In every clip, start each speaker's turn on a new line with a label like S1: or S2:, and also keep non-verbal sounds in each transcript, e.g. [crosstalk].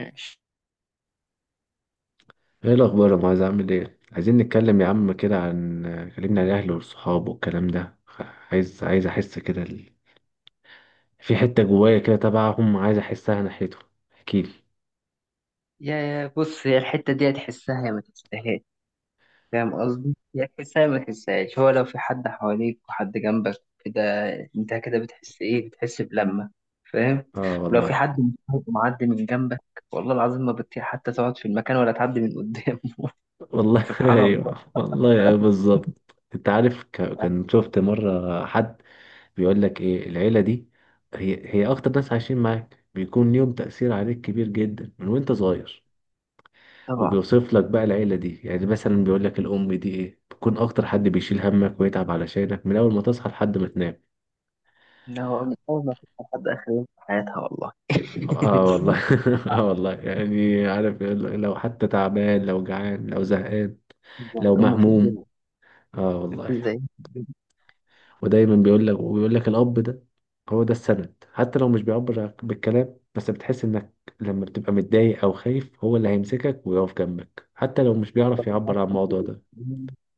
S1: ماشي،
S2: ايه الاخبار يا معاذ؟ عامل ايه؟ عايزين نتكلم يا عم كده عن، كلمنا عن الاهل والصحاب والكلام ده، عايز احس كده ال... في حته جوايا كده تبعهم، عايز احسها ناحيتهم. احكيلي.
S1: يا بص هي الحتة دي هتحسها يا ما تحسهاش، فاهم قصدي؟ يا تحسها يا ما تحسهاش، هو لو في حد حواليك وحد جنبك كده، انت كده بتحس ايه؟ بتحس بلمة، فاهم؟
S2: اه
S1: ولو في
S2: والله.
S1: حد مصاحب معدي من جنبك والله العظيم ما بتطيق حتى تقعد في المكان ولا تعدي من قدام [laughs]
S2: والله [laughs]
S1: سبحان الله
S2: ايوه والله، ايوه بالظبط. انت عارف،
S1: يعني.
S2: كان شفت مره حد بيقول لك ايه العيله دي؟ هي اكتر ناس عايشين معاك بيكون ليهم تاثير عليك كبير جدا من وانت صغير.
S1: طبعا.
S2: وبيوصف لك بقى العيلة دي، يعني مثلا بيقول لك الأم دي إيه، بتكون أكتر حد بيشيل همك ويتعب علشانك من أول ما تصحى لحد ما تنام.
S1: إن هو من أول ما تبقى حد آخر يوم في حياتها والله.
S2: آه، والله [laughs] آه والله، يعني عارف لو حتى تعبان، لو جعان، لو زهقان،
S1: [laughs]
S2: لو
S1: أمه في
S2: مهموم.
S1: الدنيا،
S2: آه
S1: مفيش
S2: والله.
S1: زي.
S2: ودايما بيقول لك، وبيقول لك الأب ده هو ده السند. حتى لو مش بيعبر بالكلام، بس بتحس إنك لما بتبقى متضايق أو خايف هو اللي هيمسكك ويقف جنبك، حتى لو مش بيعرف يعبر عن الموضوع ده.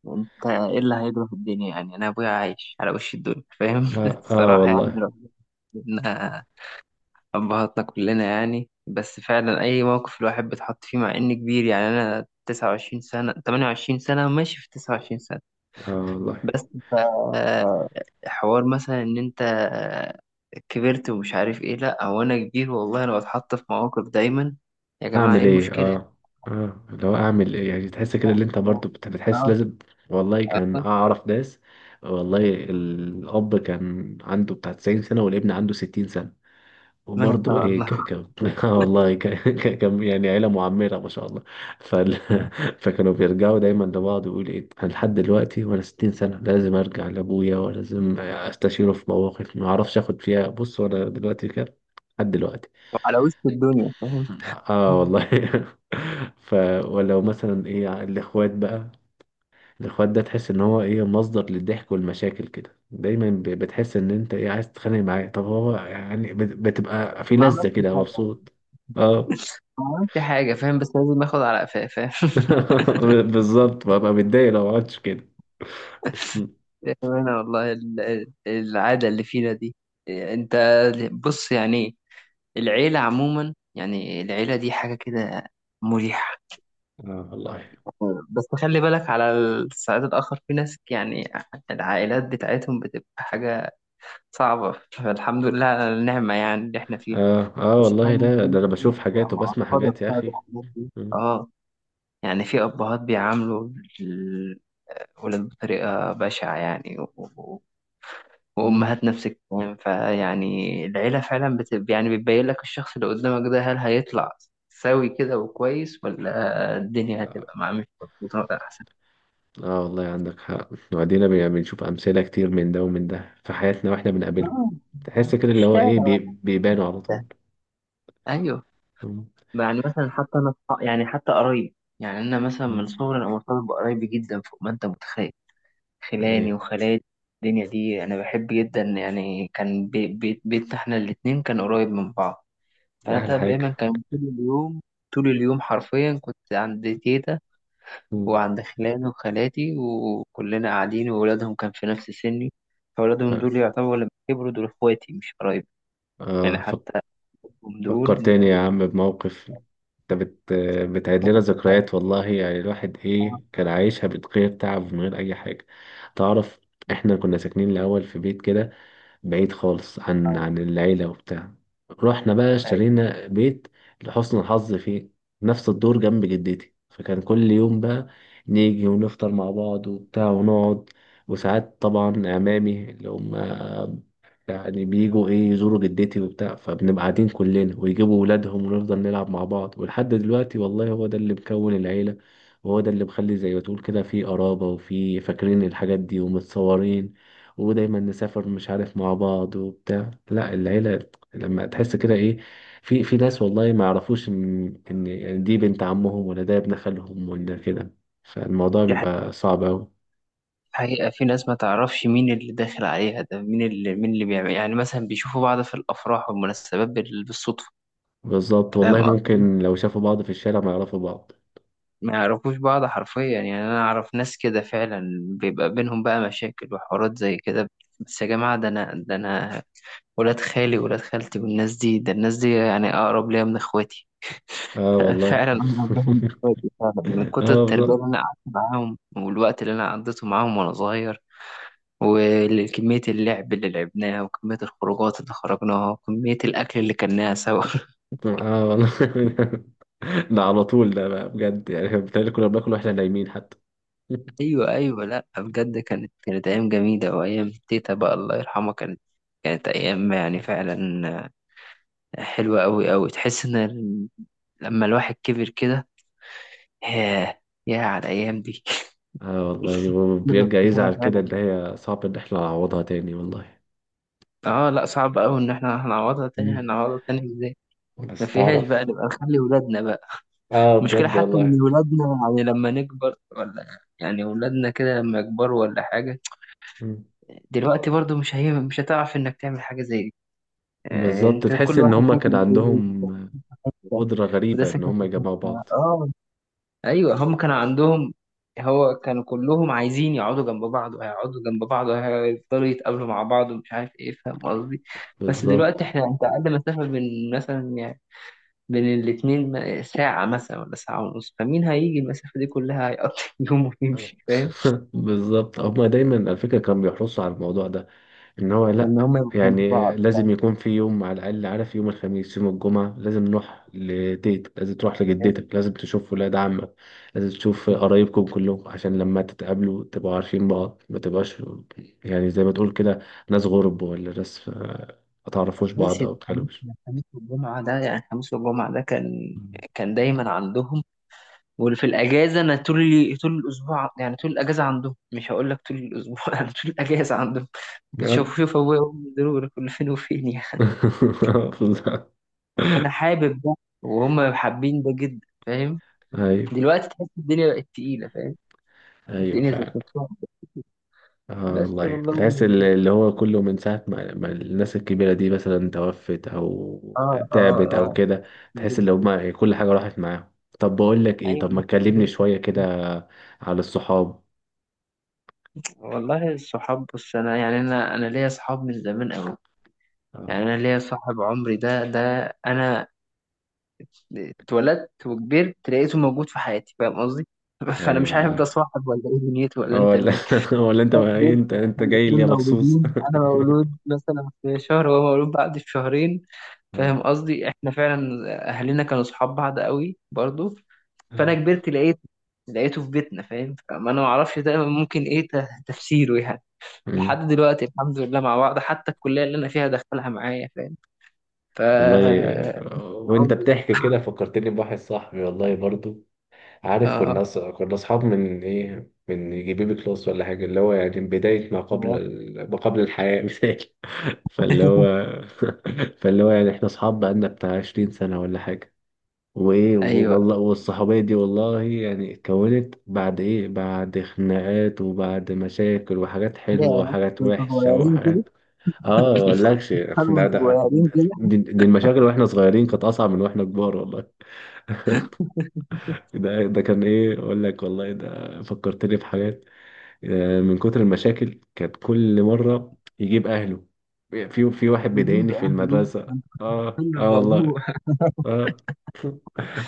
S1: انت ايه اللي هيجرى في الدنيا يعني، انا ابويا عايش على وش الدنيا فاهم [laughs]
S2: آه،
S1: الصراحه يعني.
S2: والله.
S1: ربنا، ابهاتنا كلنا يعني، بس فعلا اي موقف الواحد بيتحط فيه مع اني كبير، يعني انا 29 سنه 28 سنه ماشي في 29 سنه.
S2: آه والله.
S1: بس حوار مثلا ان انت كبرت ومش عارف ايه، لا هو انا كبير والله، انا بتحط في مواقف دايما، يا جماعه ايه
S2: اعمل ايه؟
S1: المشكله [laughs] يعني؟
S2: اه، اه اللي هو اعمل ايه، يعني تحس كده اللي انت
S1: اه،
S2: برضو بتحس لازم. والله كان
S1: اه.
S2: اعرف ناس، والله الاب كان عنده بتاع 90 سنه والابن عنده 60 سنه،
S1: ما
S2: وبرضه
S1: شاء
S2: ايه
S1: الله.
S2: [laughs] آه والله كان يعني عيله معمره ما شاء الله. فال... [laughs] فكانوا بيرجعوا دايما لبعض، ويقول ايه انا لحد دلوقتي وانا 60 سنه لازم ارجع لابويا ولازم استشيره في مواقف ما اعرفش اخد فيها، بص وانا دلوقتي كده لحد دلوقتي.
S1: على وش الدنيا فاهم.
S2: اه والله [laughs] ف، ولو مثلا ايه الاخوات بقى، الاخوات ده تحس ان هو ايه، مصدر للضحك والمشاكل كده، دايما بتحس ان انت ايه، عايز تتخانق معاه، طب هو يعني بتبقى في
S1: ما
S2: لذة
S1: عملتش
S2: كده،
S1: حاجة،
S2: مبسوط. اه
S1: ما عملتش حاجة فاهم، بس لازم اخد على قفاه فاهم [laughs]
S2: [laughs] بالظبط، ببقى متضايق لو ما عملتش كده. اه
S1: أنا والله العادة اللي فينا دي. أنت، بص يعني، العيلة عموما يعني العيلة دي حاجة كده مريحة.
S2: [laughs] والله.
S1: بس خلي بالك على الصعيد الآخر، في ناس يعني العائلات بتاعتهم بتبقى حاجة صعبة، فالحمد لله على النعمة يعني اللي احنا فيها.
S2: اه اه
S1: بس
S2: والله،
S1: فعلا
S2: ده
S1: في
S2: ده
S1: ناس
S2: انا بشوف
S1: بتبقى
S2: حاجات وبسمع
S1: معقدة
S2: حاجات يا
S1: بسبب
S2: اخي.
S1: الحاجات دي،
S2: مم.
S1: اه. يعني في أبهات بيعاملوا الولاد بطريقة بشعة يعني و- وأمهات نفس الكلام، فيعني العيلة فعلا يعني بتبين لك الشخص اللي قدامك ده هل هيطلع سوي كده وكويس، ولا الدنيا
S2: مم.
S1: هتبقى معاه مش مظبوطة ولا أحسن.
S2: اه والله عندك حق. وبعدين بنشوف امثله كتير من ده ومن ده في حياتنا واحنا بنقابلهم،
S1: آه،
S2: تحس كده
S1: في
S2: اللي هو
S1: الشارع
S2: ايه،
S1: وقتها.
S2: بيبانوا على طول.
S1: أيوه.
S2: مم.
S1: يعني مثلا حتى أنا يعني حتى قرايب، يعني أنا مثلا من
S2: مم.
S1: صغري أنا مرتبط بقرايبي جدا فوق ما أنت متخيل. خلاني
S2: ايوه،
S1: وخالاتي الدنيا دي انا بحب جدا، يعني كان بيتنا احنا الاتنين كان قريب من بعض،
S2: ده احلى
S1: فانا
S2: حاجه.
S1: دايما كان طول اليوم طول اليوم حرفيا كنت عند تيتا،
S2: مم.
S1: وعند خلاني وخالاتي وكلنا قاعدين وولادهم كان في نفس سني، فولادهم دول يعتبروا لما كبروا دول اخواتي مش قرايب يعني،
S2: آه فك-
S1: حتى هم
S2: فكر
S1: دول.
S2: تاني يا عم بموقف. انت بتعيد لنا ذكريات، والله يعني الواحد ايه، كان عايشها من غير تعب ومن غير اي حاجه. تعرف، احنا كنا ساكنين الاول في بيت كده بعيد خالص عن العيلة وبتاع، رحنا بقى
S1: أيوة.
S2: اشترينا بيت لحسن الحظ في نفس الدور جنب جدتي، فكان كل يوم بقى نيجي ونفطر مع بعض وبتاع ونقعد. وساعات طبعا عمامي اللي هم يعني بيجوا ايه، يزوروا جدتي وبتاع، فبنبقى قاعدين كلنا ويجيبوا ولادهم ونفضل نلعب مع بعض، ولحد دلوقتي والله هو ده اللي مكون العيلة. وهو ده اللي مخلي زي ما تقول كده في قرابة، وفي فاكرين الحاجات دي ومتصورين، ودايما نسافر مش عارف مع بعض وبتاع. لا، العيلة لما تحس كده ايه، في ناس والله ما يعرفوش ان يعني دي بنت عمهم، ولا ده ابن خالهم، ولا كده، فالموضوع
S1: دي
S2: بيبقى صعب أوي.
S1: حقيقة، في ناس ما تعرفش مين اللي داخل عليها ده، مين اللي بيعمل، يعني مثلا بيشوفوا بعض في الأفراح والمناسبات بالصدفة،
S2: بالظبط والله،
S1: فاهم قصدي؟
S2: ممكن لو شافوا بعض في الشارع ما يعرفوا بعض.
S1: ما يعرفوش بعض حرفيا، يعني أنا أعرف ناس كده فعلا بيبقى بينهم بقى مشاكل وحوارات زي كده. بس يا جماعة، ده أنا، ده أنا ولاد خالي ولاد خالتي والناس دي، ده الناس دي يعني أقرب ليا من إخواتي،
S2: اه
S1: [laughs]
S2: والله
S1: فعلا أقرب ليا
S2: [laughs]
S1: من إخواتي فعلا، من كتر
S2: اه
S1: التربية اللي
S2: بالظبط.
S1: أنا قعدت معاهم والوقت اللي أنا قضيته معاهم وأنا صغير، وكمية اللعب اللي لعبناها وكمية الخروجات اللي خرجناها وكمية الأكل اللي كلناها سوا [laughs]
S2: اه والله [laughs] ده على طول ده بقى بجد، يعني بالتالي كنا بناكل واحنا نايمين حتى. [laughs]
S1: أيوة أيوة لأ بجد، كانت أيام جميلة وأيام تيتا بقى الله يرحمها، كانت أيام يعني فعلا حلوة أوي أوي. تحس إن لما الواحد كبر كده، ياه، ياه على الأيام دي [laughs]
S2: اه والله، هو
S1: كبر
S2: بيرجع
S1: كده
S2: يزعل كده
S1: فعلا.
S2: اللي هي صعب ان احنا نعوضها تاني والله.
S1: آه لأ صعب أوي إن إحنا هنعوضها تاني،
S2: مم.
S1: هنعوضها تاني إزاي؟
S2: بس
S1: مفيهاش بقى،
S2: تعرف.
S1: نبقى نخلي ولادنا بقى.
S2: اه
S1: المشكلة
S2: بجد
S1: حتى
S2: والله.
S1: إن ولادنا يعني لما نكبر ولا، يعني ولادنا كده لما يكبروا ولا حاجة،
S2: مم.
S1: دلوقتي برضو مش هتعرف إنك تعمل حاجة زي دي. آه،
S2: بالظبط،
S1: أنت
S2: تحس
S1: كل
S2: ان
S1: واحد
S2: هما كان
S1: ساكن في حتة،
S2: عندهم قدرة
S1: وده
S2: غريبة ان
S1: ساكن
S2: هما
S1: في
S2: يجمعوا
S1: حتة.
S2: بعض.
S1: آه. أيوة، هم كانوا عندهم، هو كانوا كلهم عايزين يقعدوا جنب بعض، وهيقعدوا جنب بعض وهيفضلوا يتقابلوا مع بعض ومش عارف إيه، فاهم قصدي؟ بس دلوقتي
S2: بالظبط.
S1: إحنا أنت أقل مسافة بين مثلا يعني بين الاتنين ساعة مثلا ولا ساعة ونص، فمين هيجي المسافة دي كلها، هيقضي [laughs] يوم
S2: [laughs] آه.
S1: ويمشي فاهم،
S2: بالظبط، هما دايما على فكرة كانوا بيحرصوا على الموضوع ده، ان هو
S1: إن
S2: لا،
S1: هما يبقوا جنب
S2: يعني
S1: بعض.
S2: لازم يكون في يوم على الاقل، عارف، يوم الخميس يوم الجمعه لازم نروح لتيتك، لازم تروح لجدتك، لازم تشوف ولاد عمك، لازم تشوف قرايبكم كلكم، عشان لما تتقابلوا تبقوا عارفين بعض، ما تبقاش يعني زي ما تقول كده ناس غرب، ولا ناس آه، ما تعرفوش بعض
S1: ماشي،
S2: او
S1: ده
S2: ما
S1: الخميس،
S2: تتكلموش.
S1: الخميس والجمعة ده يعني الخميس والجمعة ده كان دايما عندهم. وفي الأجازة أنا طول طول الأسبوع يعني طول الأجازة عندهم، مش هقول لك طول الأسبوع [laughs] أنا طول الأجازة عندهم، كنت
S2: اه
S1: شوف شوف أبويا وأمي ضروري كل فين وفين يعني.
S2: [laughs] بالظبط.
S1: أنا حابب ده، وهم حابين ده جدا فاهم.
S2: ايوه،
S1: دلوقتي تحس الدنيا بقت تقيلة فاهم،
S2: ايوه
S1: الدنيا زي...
S2: فعلا. اه
S1: بس
S2: والله،
S1: والله،
S2: تحس اللي هو كله من ساعة ما الناس الكبيرة دي مثلا توفت،
S1: اه،
S2: أو
S1: اه،
S2: تعبت
S1: اه،
S2: أو كده، تحس اللي هما كل حاجة راحت معاهم. طب بقول لك إيه، طب ما
S1: ايوه
S2: تكلمني شوية كده على الصحاب.
S1: والله. الصحاب، بص انا يعني انا ليا صحاب من زمان قوي، يعني
S2: اه.
S1: انا ليا صاحب عمري، ده انا اتولدت وكبرت لقيته موجود في حياتي فاهم قصدي [laughs] فانا
S2: أي
S1: مش عارف ده
S2: والله.
S1: صاحب ولا ايه دنيته ولا
S2: اه،
S1: انت
S2: ولا
S1: مين.
S2: [laughs] ولا أنت بقى إيه؟
S1: جدا
S2: أنت
S1: احنا
S2: جاي
S1: الاتنين
S2: لي مخصوص
S1: مولودين، انا مولود
S2: [laughs]
S1: مثلا في شهر وهو مولود بعد بشهرين،
S2: آه.
S1: فاهم قصدي احنا فعلا اهلنا كانوا صحاب بعض قوي برضو، فانا
S2: أيوة.
S1: كبرت لقيته في بيتنا فاهم، فما انا ما اعرفش ده ممكن ايه تفسيره يعني.
S2: أمم.
S1: لحد دلوقتي الحمد لله مع بعض، حتى الكليه اللي انا فيها دخلها معايا فاهم، ف
S2: والله. آه، وأنت
S1: عمري ده.
S2: بتحكي كده فكرتني بواحد صاحبي والله برضو. عارف،
S1: اه،
S2: كنا اصحاب من ايه، من يجي بيبي كلاس ولا حاجه، اللي هو يعني بدايه ما قبل
S1: تمام.
S2: ال... ما قبل الحياه [laughs] مثال. فاللي هو [laughs] فاللي هو يعني احنا اصحاب بقالنا بتاع 20 سنه ولا حاجه. وايه
S1: ايوه.
S2: والله، والصحوبيه دي والله يعني اتكونت بعد ايه، بعد خناقات وبعد مشاكل، وحاجات حلوه
S1: ياه،
S2: وحاجات
S1: كنتوا
S2: وحشه
S1: صغيرين كده،
S2: وحاجات. اه مقولكش،
S1: هل
S2: ده
S1: وانتوا
S2: ده
S1: صغيرين كده؟
S2: دي المشاكل واحنا صغيرين كانت اصعب من واحنا كبار. ده كان ايه اقول لك، والله ده فكرتني في حاجات. آه، من كتر المشاكل كانت كل مره يجيب اهله، في واحد بيضايقني
S1: نجيب
S2: في
S1: اهله
S2: المدرسه.
S1: كان
S2: اه
S1: حلو
S2: اه والله.
S1: الموضوع،
S2: اه [laughs]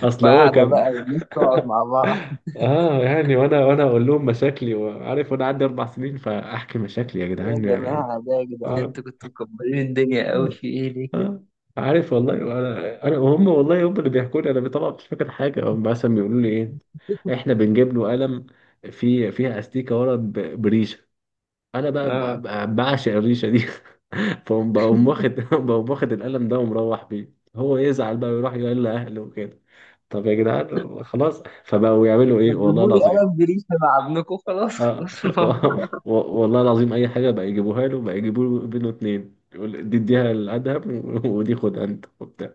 S2: اصل هو
S1: وقاعدة
S2: كان.
S1: بقى
S2: [laughs]
S1: والناس تقعد مع بعض.
S2: اه يعني وانا اقول لهم مشاكلي، وعارف وانا عندي اربع سنين فاحكي مشاكلي يا
S1: يا
S2: جدعان يعني.
S1: جماعة ده يا جدعان،
S2: اه.
S1: انتوا كنتوا مكبرين الدنيا قوي في ايه ليه كده؟
S2: آه، عارف والله، انا هم والله، هم اللي بيحكوا لي، انا طبعا مش فاكر حاجه، هم مثلا بيقولوا لي ايه، احنا بنجيب له قلم في فيها استيكه ورا بريشه، انا بقى
S1: اه،
S2: بعشق الريشه دي [laughs] فقوم بقوم واخد [laughs] بقوم واخد القلم ده ومروح بيه، هو يزعل بقى ويروح يقول لاهله وكده. طب يا جدعان خلاص، فبقوا يعملوا ايه
S1: ما
S2: والله
S1: تجيبوا لي
S2: العظيم،
S1: قلم بريشة مع ابنكم، خلاص
S2: اه
S1: خلاص
S2: [laughs] و-
S1: الموضوع.
S2: والله العظيم اي حاجه بقى يجيبوها له بقى، يجيبوا له بينه اتنين، يقول دي اديها لادهم [laughs] ودي خد انت وبتاع.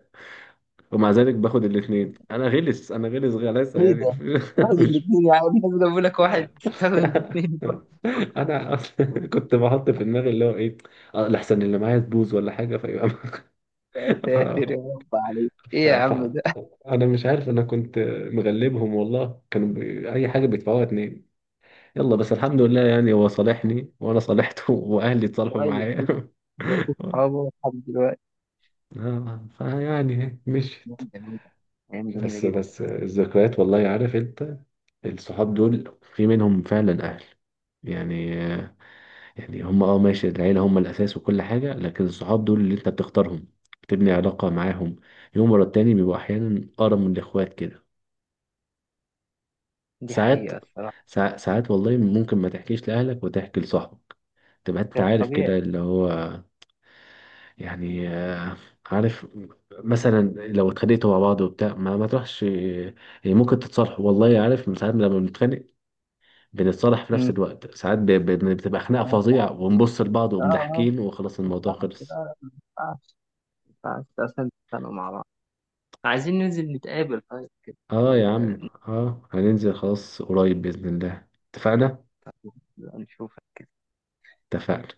S2: ومع ذلك باخد الاثنين، انا غلس، انا غلاسه
S1: ايه
S2: يعني
S1: ده؟ واحد
S2: [laughs] مش،
S1: الاثنين يا عم، الناس جابوا لك واحد تساوي الاثنين برضه.
S2: انا أصلاً كنت بحط في دماغي اللي هو ايه، آه، لحسن اللي معايا تبوظ ولا حاجه فيبقى
S1: يا
S2: [laughs] ف...
S1: ساتر يا رب، عليك ايه
S2: ف...
S1: يا
S2: ف...
S1: عم ده؟
S2: انا مش عارف، انا كنت مغلبهم والله، كانوا اي حاجه بيدفعوها اتنين. يلا بس الحمد لله يعني، هو صالحني وانا صالحته [laughs] واهلي اتصالحوا
S1: طيب
S2: معايا.
S1: جدا،
S2: [laughs]
S1: بقيت اصحابه لحد دلوقتي.
S2: آه، فيعني مشيت.
S1: ايام جميلة، ايام جميلة
S2: بس
S1: جدا.
S2: بس الذكريات، والله عارف انت، الصحاب دول في منهم فعلا أهل يعني. يعني هم اه ماشي، العيلة هم الأساس وكل حاجة، لكن الصحاب دول اللي أنت بتختارهم، بتبني علاقة معاهم يوم ورا التاني، بيبقوا أحيانا أقرب من الإخوات كده.
S1: دي
S2: ساعات،
S1: حقيقة الصراحة.
S2: ساعات والله ممكن ما تحكيش لأهلك وتحكي لصاحبك، تبقى أنت
S1: ده
S2: عارف
S1: طبيعي.
S2: كده اللي هو يعني، آه، عارف. مثلا لو اتخانقتوا مع بعض وبتاع ما تروحش، يعني ممكن تتصالحوا، والله عارف من ساعات لما بنتخانق بنتصالح في نفس
S1: امم.
S2: الوقت، ساعات بتبقى خناقة
S1: ما
S2: فظيعة
S1: ينفعش،
S2: ونبص لبعض
S1: اه، اه،
S2: ومضحكين وخلاص
S1: ما
S2: الموضوع
S1: ينفعش، لا،
S2: خلص.
S1: لا، ما ينفعش، ما ينفعش اصلا تتخانقوا مع بعض. عايزين ننزل نتقابل طيب كده،
S2: اه يا
S1: ولا؟
S2: عم. اه هننزل خلاص قريب بإذن الله. اتفقنا.
S1: نشوف.
S2: اتفقنا.